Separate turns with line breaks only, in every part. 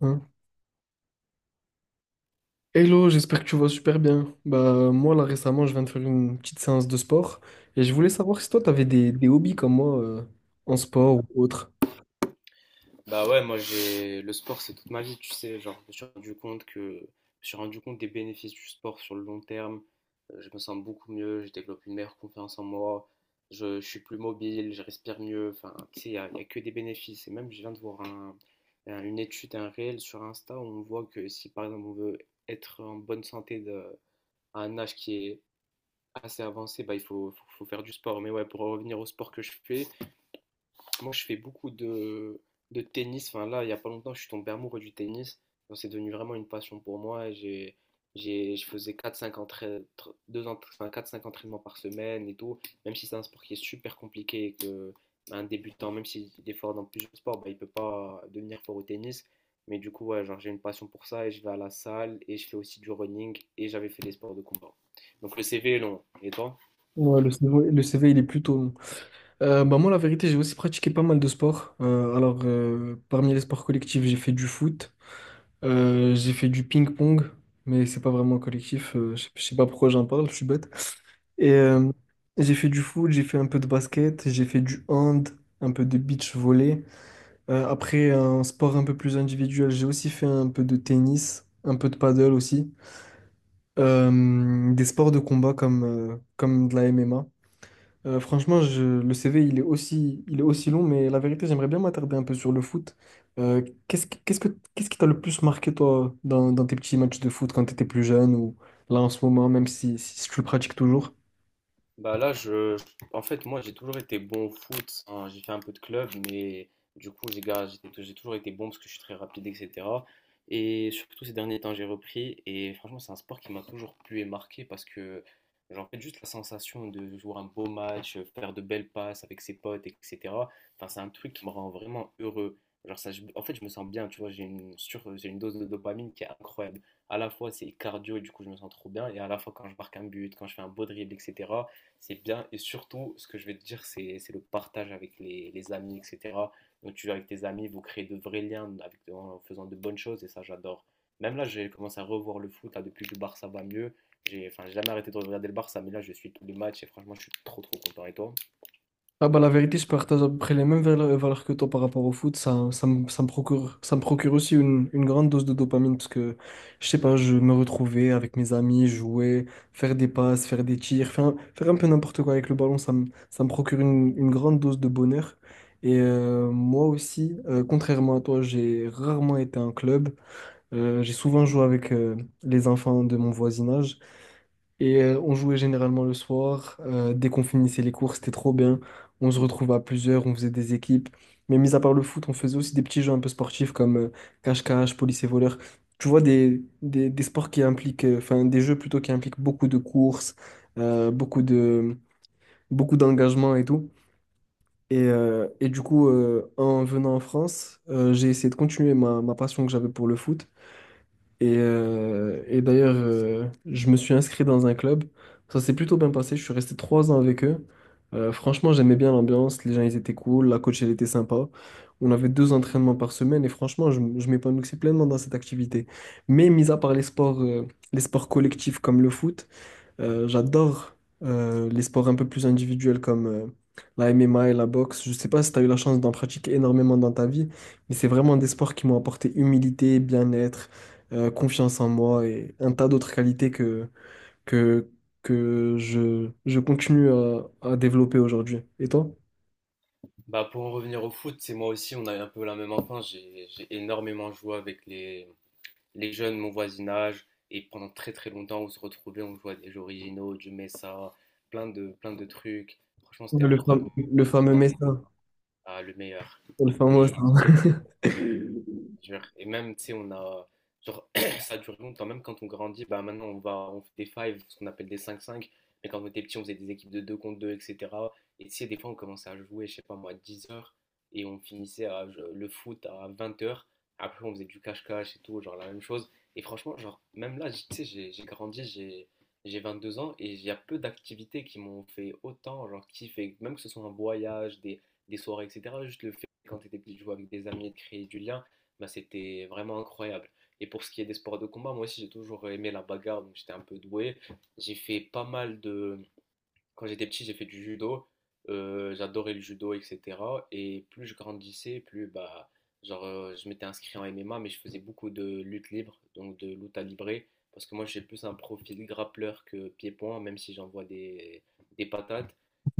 Hein. Hello, j'espère que tu vas super bien. Bah moi là récemment je viens de faire une petite séance de sport et je voulais savoir si toi t'avais des hobbies comme moi, en sport ou autre.
Bah ouais, moi j'ai le sport c'est toute ma vie, tu sais, genre je me suis rendu compte des bénéfices du sport sur le long terme. Je me sens beaucoup mieux, je développe une meilleure confiance en moi, je suis plus mobile, je respire mieux, enfin tu sais, y a que des bénéfices. Et même je viens de voir une étude, un réel sur Insta où on voit que si par exemple on veut être en bonne santé à un âge qui est assez avancé, bah il faut faire du sport. Mais ouais, pour revenir au sport que je fais, moi, je fais beaucoup de tennis. Enfin, là, il n'y a pas longtemps, je suis tombé amoureux du tennis. Donc, c'est devenu vraiment une passion pour moi. Et je faisais quatre, cinq entra- tr- deux entra- enfin, 4-5 entraînements par semaine et tout. Même si c'est un sport qui est super compliqué et que un débutant, même s'il est fort dans plusieurs sports, bah, il ne peut pas devenir fort au tennis. Mais du coup, ouais, genre, j'ai une passion pour ça et je vais à la salle et je fais aussi du running et j'avais fait des sports de combat. Donc, le CV est long. Et toi?
Ouais, le CV, le CV, il est plutôt long. Bah moi la vérité j'ai aussi pratiqué pas mal de sports. Parmi les sports collectifs j'ai fait du foot, j'ai fait du ping-pong, mais c'est pas vraiment collectif, je sais pas pourquoi j'en parle, je suis bête. Et euh, j'ai fait du foot, j'ai fait un peu de basket, j'ai fait du hand, un peu de beach volley. Après, un sport un peu plus individuel, j'ai aussi fait un peu de tennis, un peu de paddle aussi. Des sports de combat comme, comme de la MMA. Franchement, le CV, il est aussi long, mais la vérité, j'aimerais bien m'attarder un peu sur le foot. Euh, qu'est-ce, que- qu'est-ce que, Qu'est-ce qui t'a le plus marqué, toi, dans tes petits matchs de foot quand tu étais plus jeune ou là en ce moment, même si tu le pratiques toujours?
Bah là, en fait, moi, j'ai toujours été bon au foot, hein. J'ai fait un peu de club, mais du coup, j'ai gar- j'ai toujours été bon parce que je suis très rapide, etc. Et surtout, ces derniers temps, j'ai repris. Et franchement, c'est un sport qui m'a toujours plu et marqué parce que, genre, en fait, juste la sensation de jouer un beau match, faire de belles passes avec ses potes, etc. Enfin, c'est un truc qui me rend vraiment heureux. Genre, ça, en fait, je me sens bien, tu vois. J'ai une dose de dopamine qui est incroyable. À la fois, c'est cardio et du coup, je me sens trop bien. Et à la fois, quand je marque un but, quand je fais un beau dribble, etc c'est bien. Et surtout, ce que je vais te dire, c'est le partage avec les amis, etc. Donc tu vas avec tes amis, vous créez de vrais liens avec, en faisant de bonnes choses, et ça j'adore. Même là, j'ai commencé à revoir le foot, là, depuis que le Barça va mieux. J'ai enfin, j'ai jamais arrêté de regarder le Barça, mais là, je suis tous les matchs et franchement, je suis trop trop content. Et toi?
Ah bah la vérité, je partage à peu près les mêmes valeurs que toi par rapport au foot. Ça, ça me procure aussi une grande dose de dopamine parce que, je sais pas, je me retrouvais avec mes amis, jouer, faire des passes, faire des tirs, faire un peu n'importe quoi avec le ballon, ça me procure une grande dose de bonheur. Moi aussi, contrairement à toi, j'ai rarement été en club. J'ai souvent joué avec les enfants de mon voisinage. On jouait généralement le soir. Dès qu'on finissait les cours, c'était trop bien. On se retrouvait à plusieurs, on faisait des équipes. Mais mis à part le foot, on faisait aussi des petits jeux un peu sportifs comme cache-cache, police et voleur. Tu vois, des sports qui impliquent, enfin des jeux plutôt qui impliquent beaucoup de courses, euh, beaucoup de, beaucoup d'engagement et tout. Et du coup, en venant en France, j'ai essayé de continuer ma passion que j'avais pour le foot. Et d'ailleurs, je me suis inscrit dans un club. Ça s'est plutôt bien passé. Je suis resté trois ans avec eux. Franchement, j'aimais bien l'ambiance. Les gens, ils étaient cool. La coach, elle était sympa. On avait deux entraînements par semaine. Et franchement, je m'épanouissais pleinement dans cette activité. Mais mis à part les sports collectifs comme le foot, j'adore les sports un peu plus individuels comme la MMA et la boxe. Je sais pas si tu as eu la chance d'en pratiquer énormément dans ta vie, mais c'est vraiment des sports qui m'ont apporté humilité, bien-être, confiance en moi et un tas d'autres qualités que, je continue à développer aujourd'hui. Et toi?
Bah pour en revenir au foot, c'est moi aussi, on a eu un peu la même enfance. J'ai énormément joué avec les jeunes, mon voisinage, et pendant très très longtemps, on se retrouvait, on jouait à des jeux originaux, du Messa, plein de trucs. Franchement, c'était
Ouais, le
incroyable.
fameux, le
On se
fameux
sentait,
médecin,
ah, le meilleur.
le fameux.
Et
Médecin.
Dur. Et même, tu sais, on a. Genre, ça dure longtemps, même quand on grandit, bah maintenant on fait des five ce qu'on appelle des cinq cinq mais quand on était petit, on faisait des équipes de 2 contre 2, etc. Et tu sais, des fois on commençait à jouer, je sais pas moi, à 10h, et on finissait le foot à 20h après on faisait du cache-cache et tout, genre la même chose. Et franchement, genre, même là, tu sais, j'ai grandi, j'ai 22 ans, et il y a peu d'activités qui m'ont fait autant, genre kiffer, même que ce soit un voyage, des soirées, etc. Juste le fait, quand t'étais petit, de jouer avec des amis et de créer du lien bah, c'était vraiment incroyable. Et pour ce qui est des sports de combat, moi aussi j'ai toujours aimé la bagarre, donc j'étais un peu doué. J'ai fait pas mal de, quand j'étais petit, j'ai fait du judo. J'adorais le judo, etc. Et plus je grandissais, plus bah, genre, je m'étais inscrit en MMA, mais je faisais beaucoup de lutte libre, donc de lutte à librer. Parce que moi, j'ai plus un profil grappleur que pied-point, même si j'envoie des patates.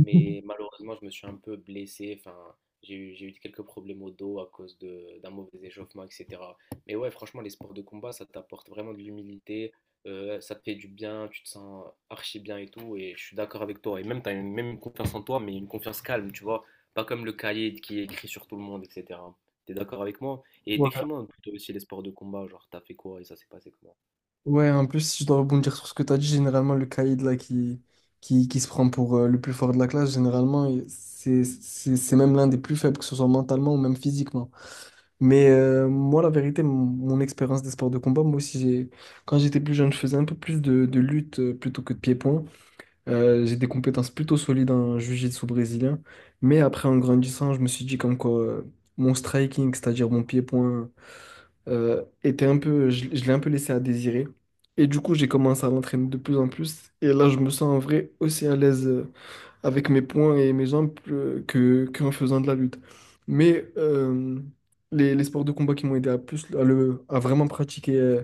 Mais malheureusement, je me suis un peu blessé. Enfin, j'ai eu quelques problèmes au dos à cause d'un mauvais échauffement, etc. Mais ouais, franchement, les sports de combat, ça t'apporte vraiment de l'humilité, ça te fait du bien, tu te sens archi bien et tout, et je suis d'accord avec toi. Et même, tu as une, même une confiance en toi, mais une confiance calme, tu vois, pas comme le cahier qui est écrit sur tout le monde, etc. T'es d'accord avec moi? Et décris-moi plutôt aussi les sports de combat, genre t'as fait quoi et ça s'est passé comment?
Ouais, en plus, si je dois rebondir sur ce que tu as dit, généralement, le caïd là, qui se prend pour le plus fort de la classe, généralement, c'est même l'un des plus faibles, que ce soit mentalement ou même physiquement. Moi, la vérité, mon expérience des sports de combat, moi aussi, quand j'étais plus jeune, je faisais un peu plus de lutte plutôt que de pied-point. J'ai des compétences plutôt solides en jiu-jitsu brésilien. Mais après, en grandissant, je me suis dit comme quoi, mon striking, c'est-à-dire mon pied-point, était un peu, je l'ai un peu laissé à désirer. Et du coup, j'ai commencé à l'entraîner de plus en plus. Et là, je me sens en vrai aussi à l'aise avec mes poings et mes jambes, qu'en faisant de la lutte. Mais euh, les sports de combat qui m'ont aidé à plus à, le, à vraiment pratiquer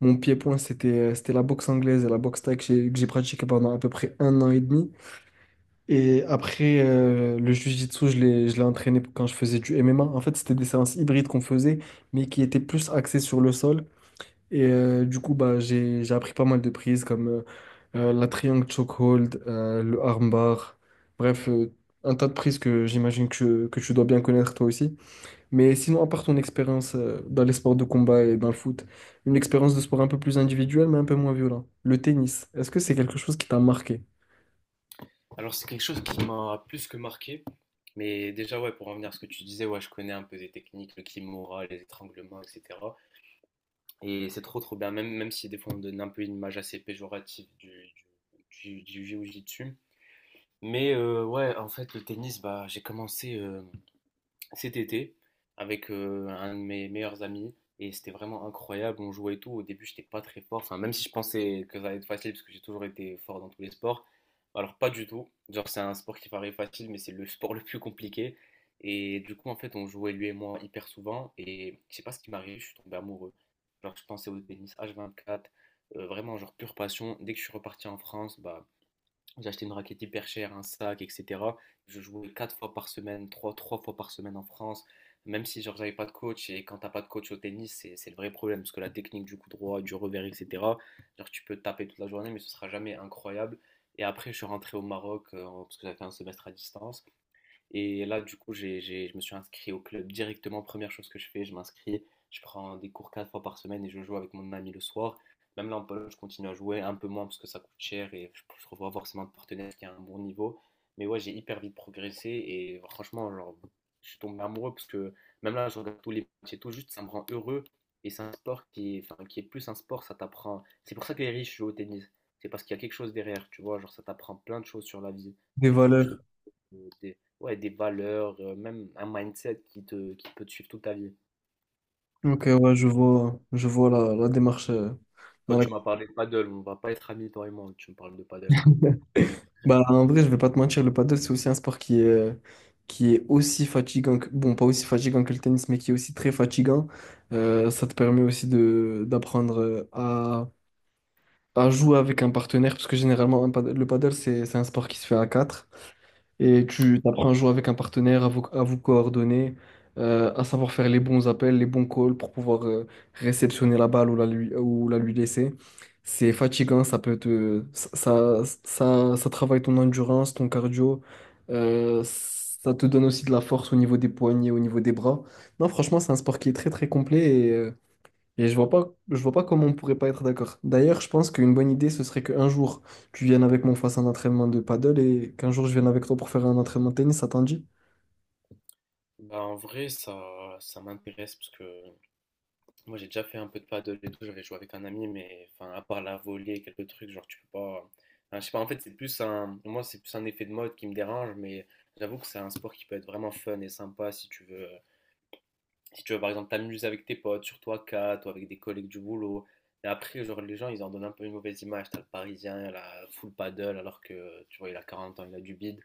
mon pied-point, c'était la boxe anglaise et la boxe thaï que j'ai pratiqué pendant à peu près un an et demi. Et après, le jiu-jitsu, je l'ai entraîné quand je faisais du MMA. En fait, c'était des séances hybrides qu'on faisait, mais qui étaient plus axées sur le sol. Du coup, bah, j'ai appris pas mal de prises comme la triangle chokehold, le armbar. Bref, un tas de prises que j'imagine que tu dois bien connaître toi aussi. Mais sinon, à part ton expérience dans les sports de combat et dans le foot, une expérience de sport un peu plus individuelle, mais un peu moins violente. Le tennis, est-ce que c'est quelque chose qui t'a marqué?
Alors c'est quelque chose qui m'a plus que marqué, mais déjà ouais, pour revenir à ce que tu disais, ouais, je connais un peu des techniques, le kimura, les étranglements, etc. Et c'est trop trop bien, même, même si des fois on donne un peu une image assez péjorative du jiu-jitsu. Mais ouais, en fait, le tennis, bah, j'ai commencé cet été avec un de mes meilleurs amis et c'était vraiment incroyable. On jouait et tout. Au début, j'étais pas très fort. Enfin, même si je pensais que ça allait être facile parce que j'ai toujours été fort dans tous les sports, alors pas du tout. Genre, c'est un sport qui paraît facile, mais c'est le sport le plus compliqué. Et du coup, en fait, on jouait lui et moi hyper souvent et je sais pas ce qui m'arrive, je suis tombé amoureux. Genre, je pensais au tennis H24, vraiment, genre pure passion. Dès que je suis reparti en France, bah, j'ai acheté une raquette hyper chère, un sac, etc. Je jouais quatre fois par semaine, trois fois par semaine en France, même si genre j'avais pas de coach. Et quand t'as pas de coach au tennis, c'est le vrai problème, parce que la technique du coup droit, du revers, etc. Genre tu peux taper toute la journée, mais ce sera jamais incroyable. Et après, je suis rentré au Maroc, parce que j'avais fait un semestre à distance. Et là, du coup, je me suis inscrit au club directement. Première chose que je fais, je m'inscris. Je prends des cours quatre fois par semaine et je joue avec mon ami le soir. Même là, en Pologne, je continue à jouer un peu moins parce que ça coûte cher et je ne trouve pas forcément de partenaire qui a un bon niveau. Mais ouais, j'ai hyper vite progressé et franchement, genre, je suis tombé amoureux parce que même là, je regarde tous les matchs et tout, juste ça me rend heureux. Et c'est un sport qui est, enfin, qui est plus un sport, ça t'apprend. C'est pour ça que les riches jouent au tennis. C'est parce qu'il y a quelque chose derrière, tu vois, genre ça t'apprend plein de choses sur la vie.
Des
Et franchement, je
valeurs.
te Ouais, des valeurs, même un mindset qui te qui peut te suivre toute ta vie.
Ok, ouais, je vois la démarche, dans
Toi, tu
laquelle.
m'as parlé de paddle, on va pas être amis, toi et moi, tu me parles de paddle.
Bah, en vrai, je vais pas te mentir, le paddle, c'est aussi un sport qui est aussi fatigant que, bon, pas aussi fatigant que le tennis, mais qui est aussi très fatigant. Ça te permet aussi d'apprendre, à jouer avec un partenaire, parce que généralement, le paddle, c'est un sport qui se fait à quatre. Et tu apprends à jouer avec un partenaire, à vous coordonner, à savoir faire les bons appels, les bons calls pour pouvoir réceptionner la balle ou la lui laisser. C'est fatigant, ça peut te, ça travaille ton endurance, ton cardio, ça te donne aussi de la force au niveau des poignets, au niveau des bras. Non, franchement, c'est un sport qui est très très complet et je vois pas comment on pourrait pas être d'accord. D'ailleurs, je pense qu'une bonne idée, ce serait qu'un jour, tu viennes avec moi, on fasse un entraînement de paddle et qu'un jour, je vienne avec toi pour faire un entraînement de tennis, ça t'en dit?
Bah, en vrai, ça m'intéresse parce que moi j'ai déjà fait un peu de paddle et tout, j'avais joué avec un ami, mais enfin, à part la volée, quelques trucs, genre tu peux pas. Enfin, je sais pas, en fait, c'est plus un. Moi, c'est plus un effet de mode qui me dérange, mais j'avoue que c'est un sport qui peut être vraiment fun et sympa si tu veux. Si tu veux, par exemple, t'amuser avec tes potes, surtout à 4 ou avec des collègues du boulot. Et après, genre, les gens, ils en donnent un peu une mauvaise image. T'as le Parisien, la full paddle, alors que, tu vois, il a 40 ans, il a du bide.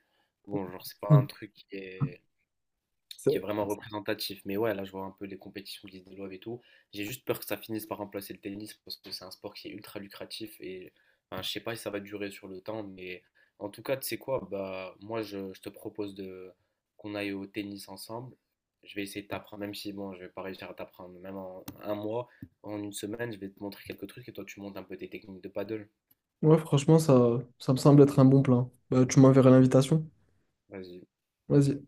Bon, genre, c'est pas
Mm.
un truc qui est
Ça-
vraiment représentatif. Mais ouais, là, je vois un peu les compétitions qui se développent et tout. J'ai juste peur que ça finisse par remplacer le tennis parce que c'est un sport qui est ultra lucratif et enfin, je sais pas si ça va durer sur le temps, mais en tout cas, tu sais quoi, bah moi je te propose de qu'on aille au tennis ensemble. Je vais essayer de t'apprendre, même si bon, je vais pas réussir à t'apprendre, même en un mois, en une semaine, je vais te montrer quelques trucs et toi tu montes un peu tes techniques de paddle.
ouais, franchement, ça me semble être un bon plan. Bah, tu m'enverras l'invitation.
Vas-y.
Vas-y.